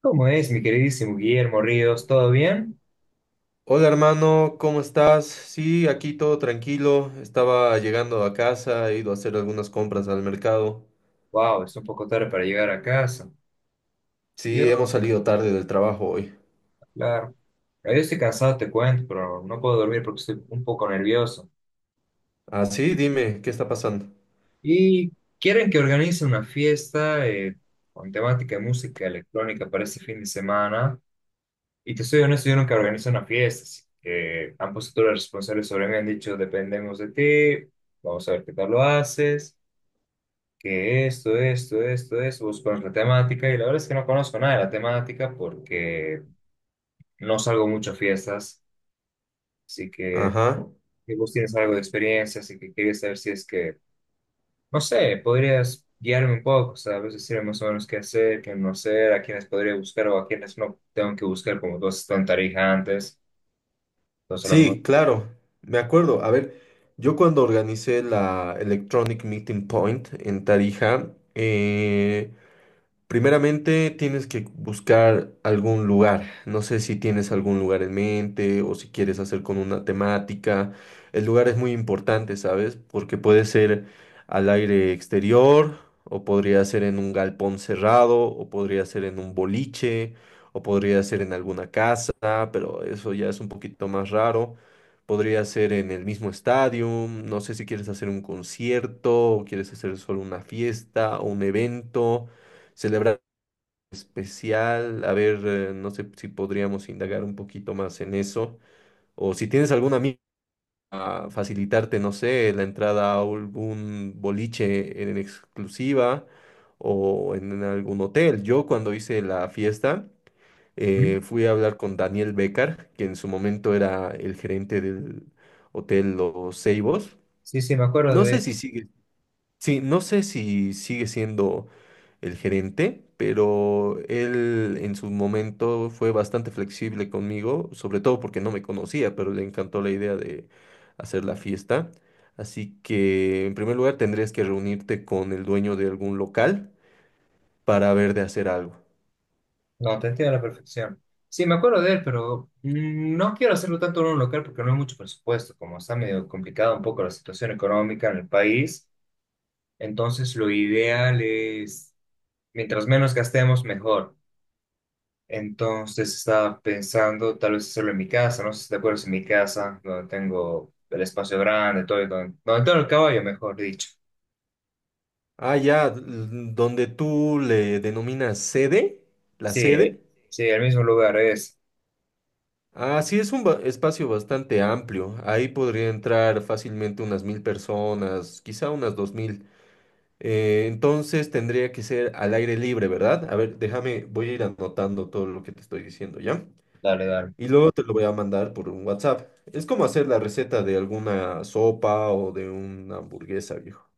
¿Cómo es, mi queridísimo Guillermo Ríos? ¿Todo bien? Hola hermano, ¿cómo estás? Sí, aquí todo tranquilo. Estaba llegando a casa, he ido a hacer algunas compras al mercado. Wow, es un poco tarde para llegar a casa. Yo, Sí, hemos salido tarde del trabajo hoy. claro. Yo estoy cansado, te cuento, pero no puedo dormir porque estoy un poco nervioso. Ah, sí, dime, ¿qué está pasando? Y quieren que organice una fiesta con temática de música electrónica para este fin de semana. Y te soy honesto, yo nunca organizo una fiesta, así que han puesto todos los responsables sobre mí, han dicho, dependemos de ti, vamos a ver qué tal lo haces. Que esto, buscar la temática, y la verdad es que no conozco nada de la temática porque no salgo mucho a fiestas, así que Ajá. si vos tienes algo de experiencia, así que quería saber si es que, no sé, podrías guiarme un poco, ¿sabes? Decirme más o menos qué hacer, qué no hacer, a quiénes podría buscar o a quiénes no tengo que buscar, como tú has estado en Tarija antes, entonces a lo mejor... Sí, claro, me acuerdo. A ver, yo cuando organicé la Electronic Meeting Point en Tarija, eh, primeramente tienes que buscar algún lugar. No sé si tienes algún lugar en mente o si quieres hacer con una temática. El lugar es muy importante, ¿sabes? Porque puede ser al aire exterior o podría ser en un galpón cerrado o podría ser en un boliche o podría ser en alguna casa, pero eso ya es un poquito más raro. Podría ser en el mismo estadio. No sé si quieres hacer un concierto o quieres hacer solo una fiesta o un evento. ¿Celebrar especial? A ver, no sé si podríamos indagar un poquito más en eso. O si tienes algún amigo a facilitarte, no sé, la entrada a algún boliche en exclusiva o en algún hotel. Yo cuando hice la fiesta, ¿Mm? Fui a hablar con Daniel Becar, que en su momento era el gerente del hotel Los Ceibos. Sí, sí, me acuerdo. No sé si sigue. Sí, no sé si sigue siendo el gerente, pero él en su momento fue bastante flexible conmigo, sobre todo porque no me conocía, pero le encantó la idea de hacer la fiesta. Así que en primer lugar tendrías que reunirte con el dueño de algún local para ver de hacer algo. No, te entiendo a la perfección. Sí, me acuerdo de él, pero no quiero hacerlo tanto en un local porque no hay mucho presupuesto, como está medio complicada un poco la situación económica en el país. Entonces, lo ideal es, mientras menos gastemos, mejor. Entonces, estaba pensando tal vez hacerlo en mi casa, no sé si te acuerdas, en mi casa, donde tengo el espacio grande, todo, y donde tengo el caballo, mejor dicho. Ah, ya, donde tú le denominas sede, la Sí, sede. sí, el mismo lugar es. Ah, sí, es un espacio bastante amplio. Ahí podría entrar fácilmente unas mil personas, quizá unas dos mil. Entonces tendría que ser al aire libre, ¿verdad? A ver, déjame, voy a ir anotando todo lo que te estoy diciendo, ¿ya? Dale, dale. Y luego te lo voy a mandar por un WhatsApp. Es como hacer la receta de alguna sopa o de una hamburguesa, viejo.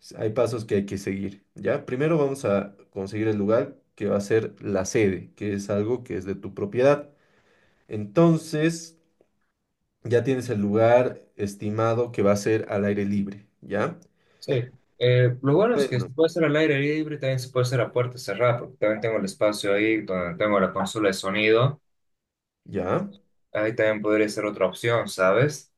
Hay pasos que hay que seguir, ¿ya? Primero vamos a conseguir el lugar que va a ser la sede, que es algo que es de tu propiedad. Entonces... ya tienes el lugar estimado que va a ser al aire libre, ¿ya? Sí. Lo bueno es que se Bueno, puede hacer al aire libre, también se puede hacer a puerta cerrada, porque también tengo el espacio ahí donde tengo la consola de sonido. ¿ya? Entonces, ahí también podría ser otra opción, ¿sabes?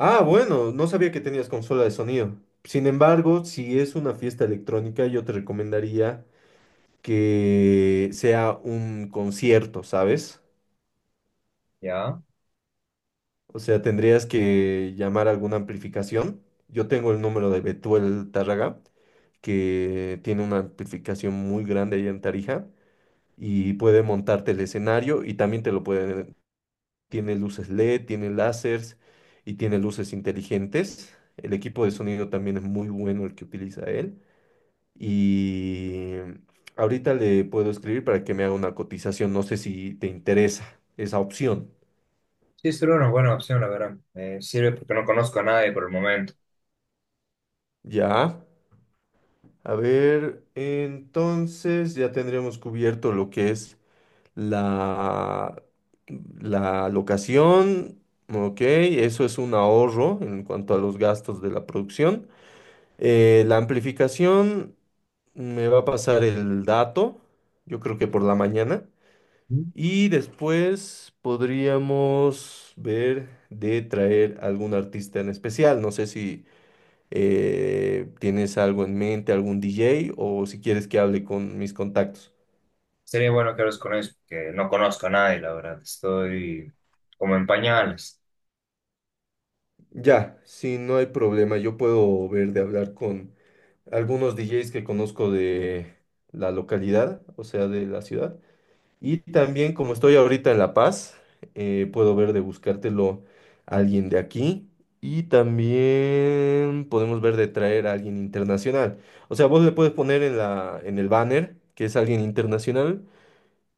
Ah, bueno, no sabía que tenías consola de sonido. Sin embargo, si es una fiesta electrónica, yo te recomendaría que sea un concierto, ¿sabes? Ya. O sea, tendrías que llamar a alguna amplificación. Yo tengo el número de Betuel Tárraga, que tiene una amplificación muy grande allá en Tarija y puede montarte el escenario y también te lo puede. Tiene luces LED, tiene láseres y tiene luces inteligentes. El equipo de sonido también es muy bueno el que utiliza él. Y ahorita le puedo escribir para que me haga una cotización. No sé si te interesa esa opción. Sí, sería una buena opción, la verdad. Me sirve porque no conozco a nadie por el momento. Ya. A ver, entonces ya tendríamos cubierto lo que es la, la locación. Ok, eso es un ahorro en cuanto a los gastos de la producción. La amplificación me va a pasar el dato, yo creo que por la mañana. Ujú. Y después podríamos ver de traer algún artista en especial. No sé si tienes algo en mente, algún DJ o si quieres que hable con mis contactos. Sería bueno que hables con ellos, porque no conozco a nadie, la verdad. Estoy como en pañales. Ya, si no hay problema, yo puedo ver de hablar con algunos DJs que conozco de la localidad, o sea, de la ciudad. Y también como estoy ahorita en La Paz, puedo ver de buscártelo a alguien de aquí. Y también podemos ver de traer a alguien internacional. O sea, vos le puedes poner en en el banner que es alguien internacional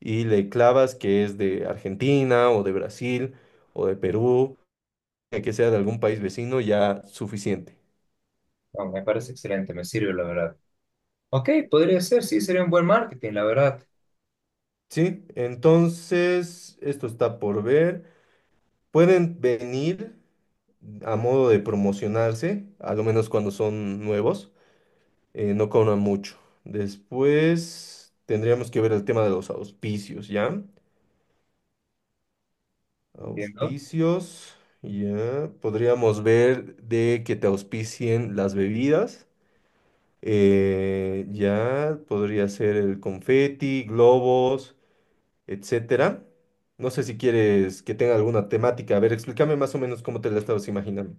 y le clavas que es de Argentina o de Brasil o de Perú, que sea de algún país vecino, ya suficiente. No, me parece excelente, me sirve, la verdad. Ok, podría ser, sí, sería un buen marketing, la verdad. Sí, entonces esto está por ver. Pueden venir a modo de promocionarse, a lo menos cuando son nuevos, no cobran mucho. Después tendríamos que ver el tema de los auspicios, ¿ya? Entiendo. Auspicios, ya. Podríamos ver de que te auspicien las bebidas. Ya podría ser el confeti, globos, etcétera. No sé si quieres que tenga alguna temática. A ver, explícame más o menos cómo te la estabas imaginando.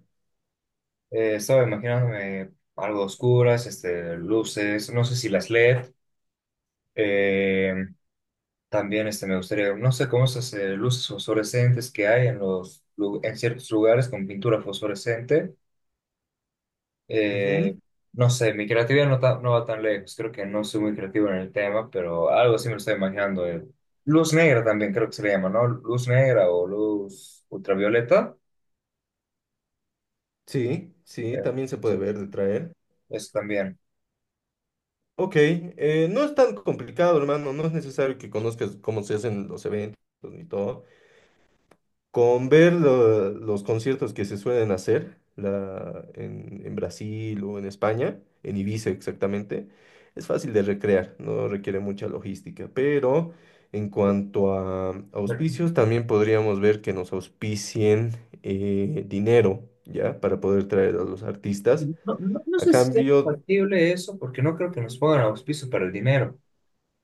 Estaba imaginándome algo oscuras, este, luces, no sé si las LED. eh, También este, me gustaría, no sé cómo esas luces fosforescentes que hay en, los, en ciertos lugares con pintura fosforescente. eh, Ujú. no sé, mi creatividad no, no va tan lejos, creo que no soy muy creativo en el tema, pero algo así me lo estoy imaginando. Luz negra también creo que se le llama, ¿no? Luz negra o luz ultravioleta. Sí, eh, sí, también se sí, puede ver de traer. eso también. Ok, no es tan complicado, hermano, no es necesario que conozcas cómo se hacen los eventos ni todo. Con ver los conciertos que se suelen hacer en Brasil o en España, en Ibiza exactamente, es fácil de recrear, no requiere mucha logística. Pero en cuanto a auspicios, también podríamos ver que nos auspicien dinero, ¿ya? Para poder traer a los artistas. No A sé si sea cambio, factible eso, porque no creo que nos pongan auspicio para el dinero.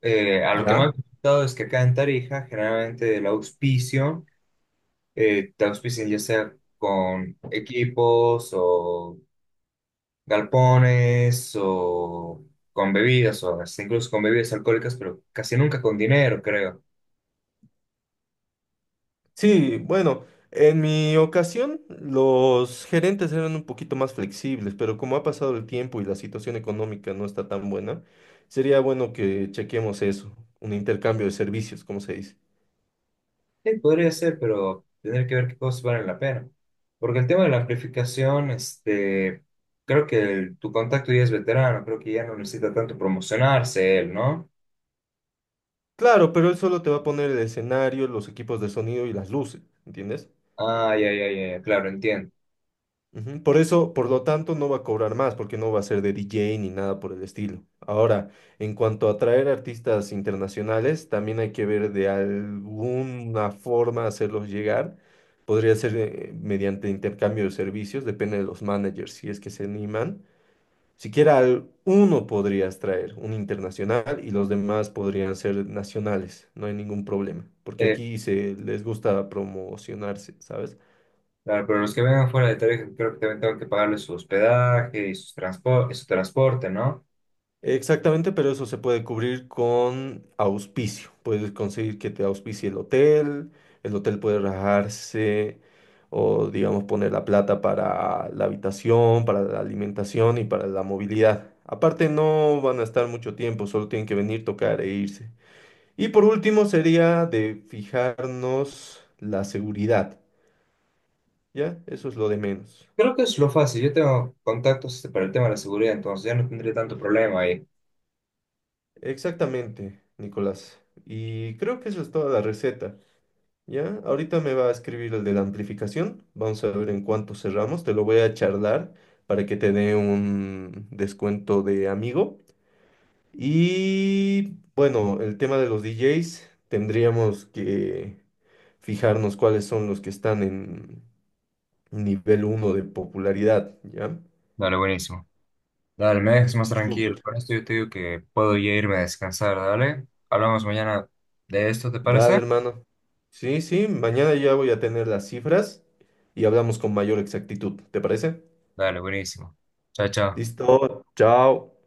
A lo que me ya, han comentado es que acá en Tarija, generalmente el auspicio, te auspician ya sea con equipos o galpones o con bebidas, o hasta incluso con bebidas alcohólicas, pero casi nunca con dinero, creo. sí, bueno, en mi ocasión los gerentes eran un poquito más flexibles, pero como ha pasado el tiempo y la situación económica no está tan buena, sería bueno que chequemos eso, un intercambio de servicios, como se dice. Sí, podría ser, pero tendría que ver qué cosas valen la pena. Porque el tema de la amplificación, este, creo que tu contacto ya es veterano, creo que ya no necesita tanto promocionarse él, ¿no? Claro, pero él solo te va a poner el escenario, los equipos de sonido y las luces, ¿entiendes? Ah, ya, claro, entiendo. Ujú. Por eso, por lo tanto, no va a cobrar más, porque no va a ser de DJ ni nada por el estilo. Ahora, en cuanto a traer artistas internacionales, también hay que ver de alguna forma hacerlos llegar. Podría ser mediante intercambio de servicios, depende de los managers, si es que se animan. Siquiera uno podrías traer, un internacional, y los demás podrían ser nacionales, no hay ningún problema, porque Eh, aquí se les gusta promocionarse, ¿sabes? claro, pero los que vengan fuera de Tarija, creo que también tengo que pagarles su hospedaje y y su transporte, ¿no? Exactamente, pero eso se puede cubrir con auspicio. Puedes conseguir que te auspicie el hotel puede rajarse o, digamos, poner la plata para la habitación, para la alimentación y para la movilidad. Aparte, no van a estar mucho tiempo, solo tienen que venir, tocar e irse. Y por último, sería de fijarnos la seguridad, ¿ya? Eso es lo de menos. Creo que es lo fácil. Yo tengo contactos, este, para el tema de la seguridad, entonces ya no tendré tanto problema ahí. Exactamente, Nicolás. Y creo que eso es toda la receta. Ya, ahorita me va a escribir el de la amplificación. Vamos a ver en cuánto cerramos. Te lo voy a charlar para que te dé un descuento de amigo. Y bueno, el tema de los DJs, tendríamos que fijarnos cuáles son los que están en nivel uno de popularidad. ¿Ya? Vale, buenísimo. Dale, me dejas más Súper. tranquilo. Por esto yo te digo que puedo ya irme a descansar, dale. Hablamos mañana de esto, ¿te Dale, parece? hermano. Sí, sí, mañana ya voy a tener las cifras y hablamos con mayor exactitud. ¿Te parece? Dale, buenísimo. Chao, chao. Listo. Chao.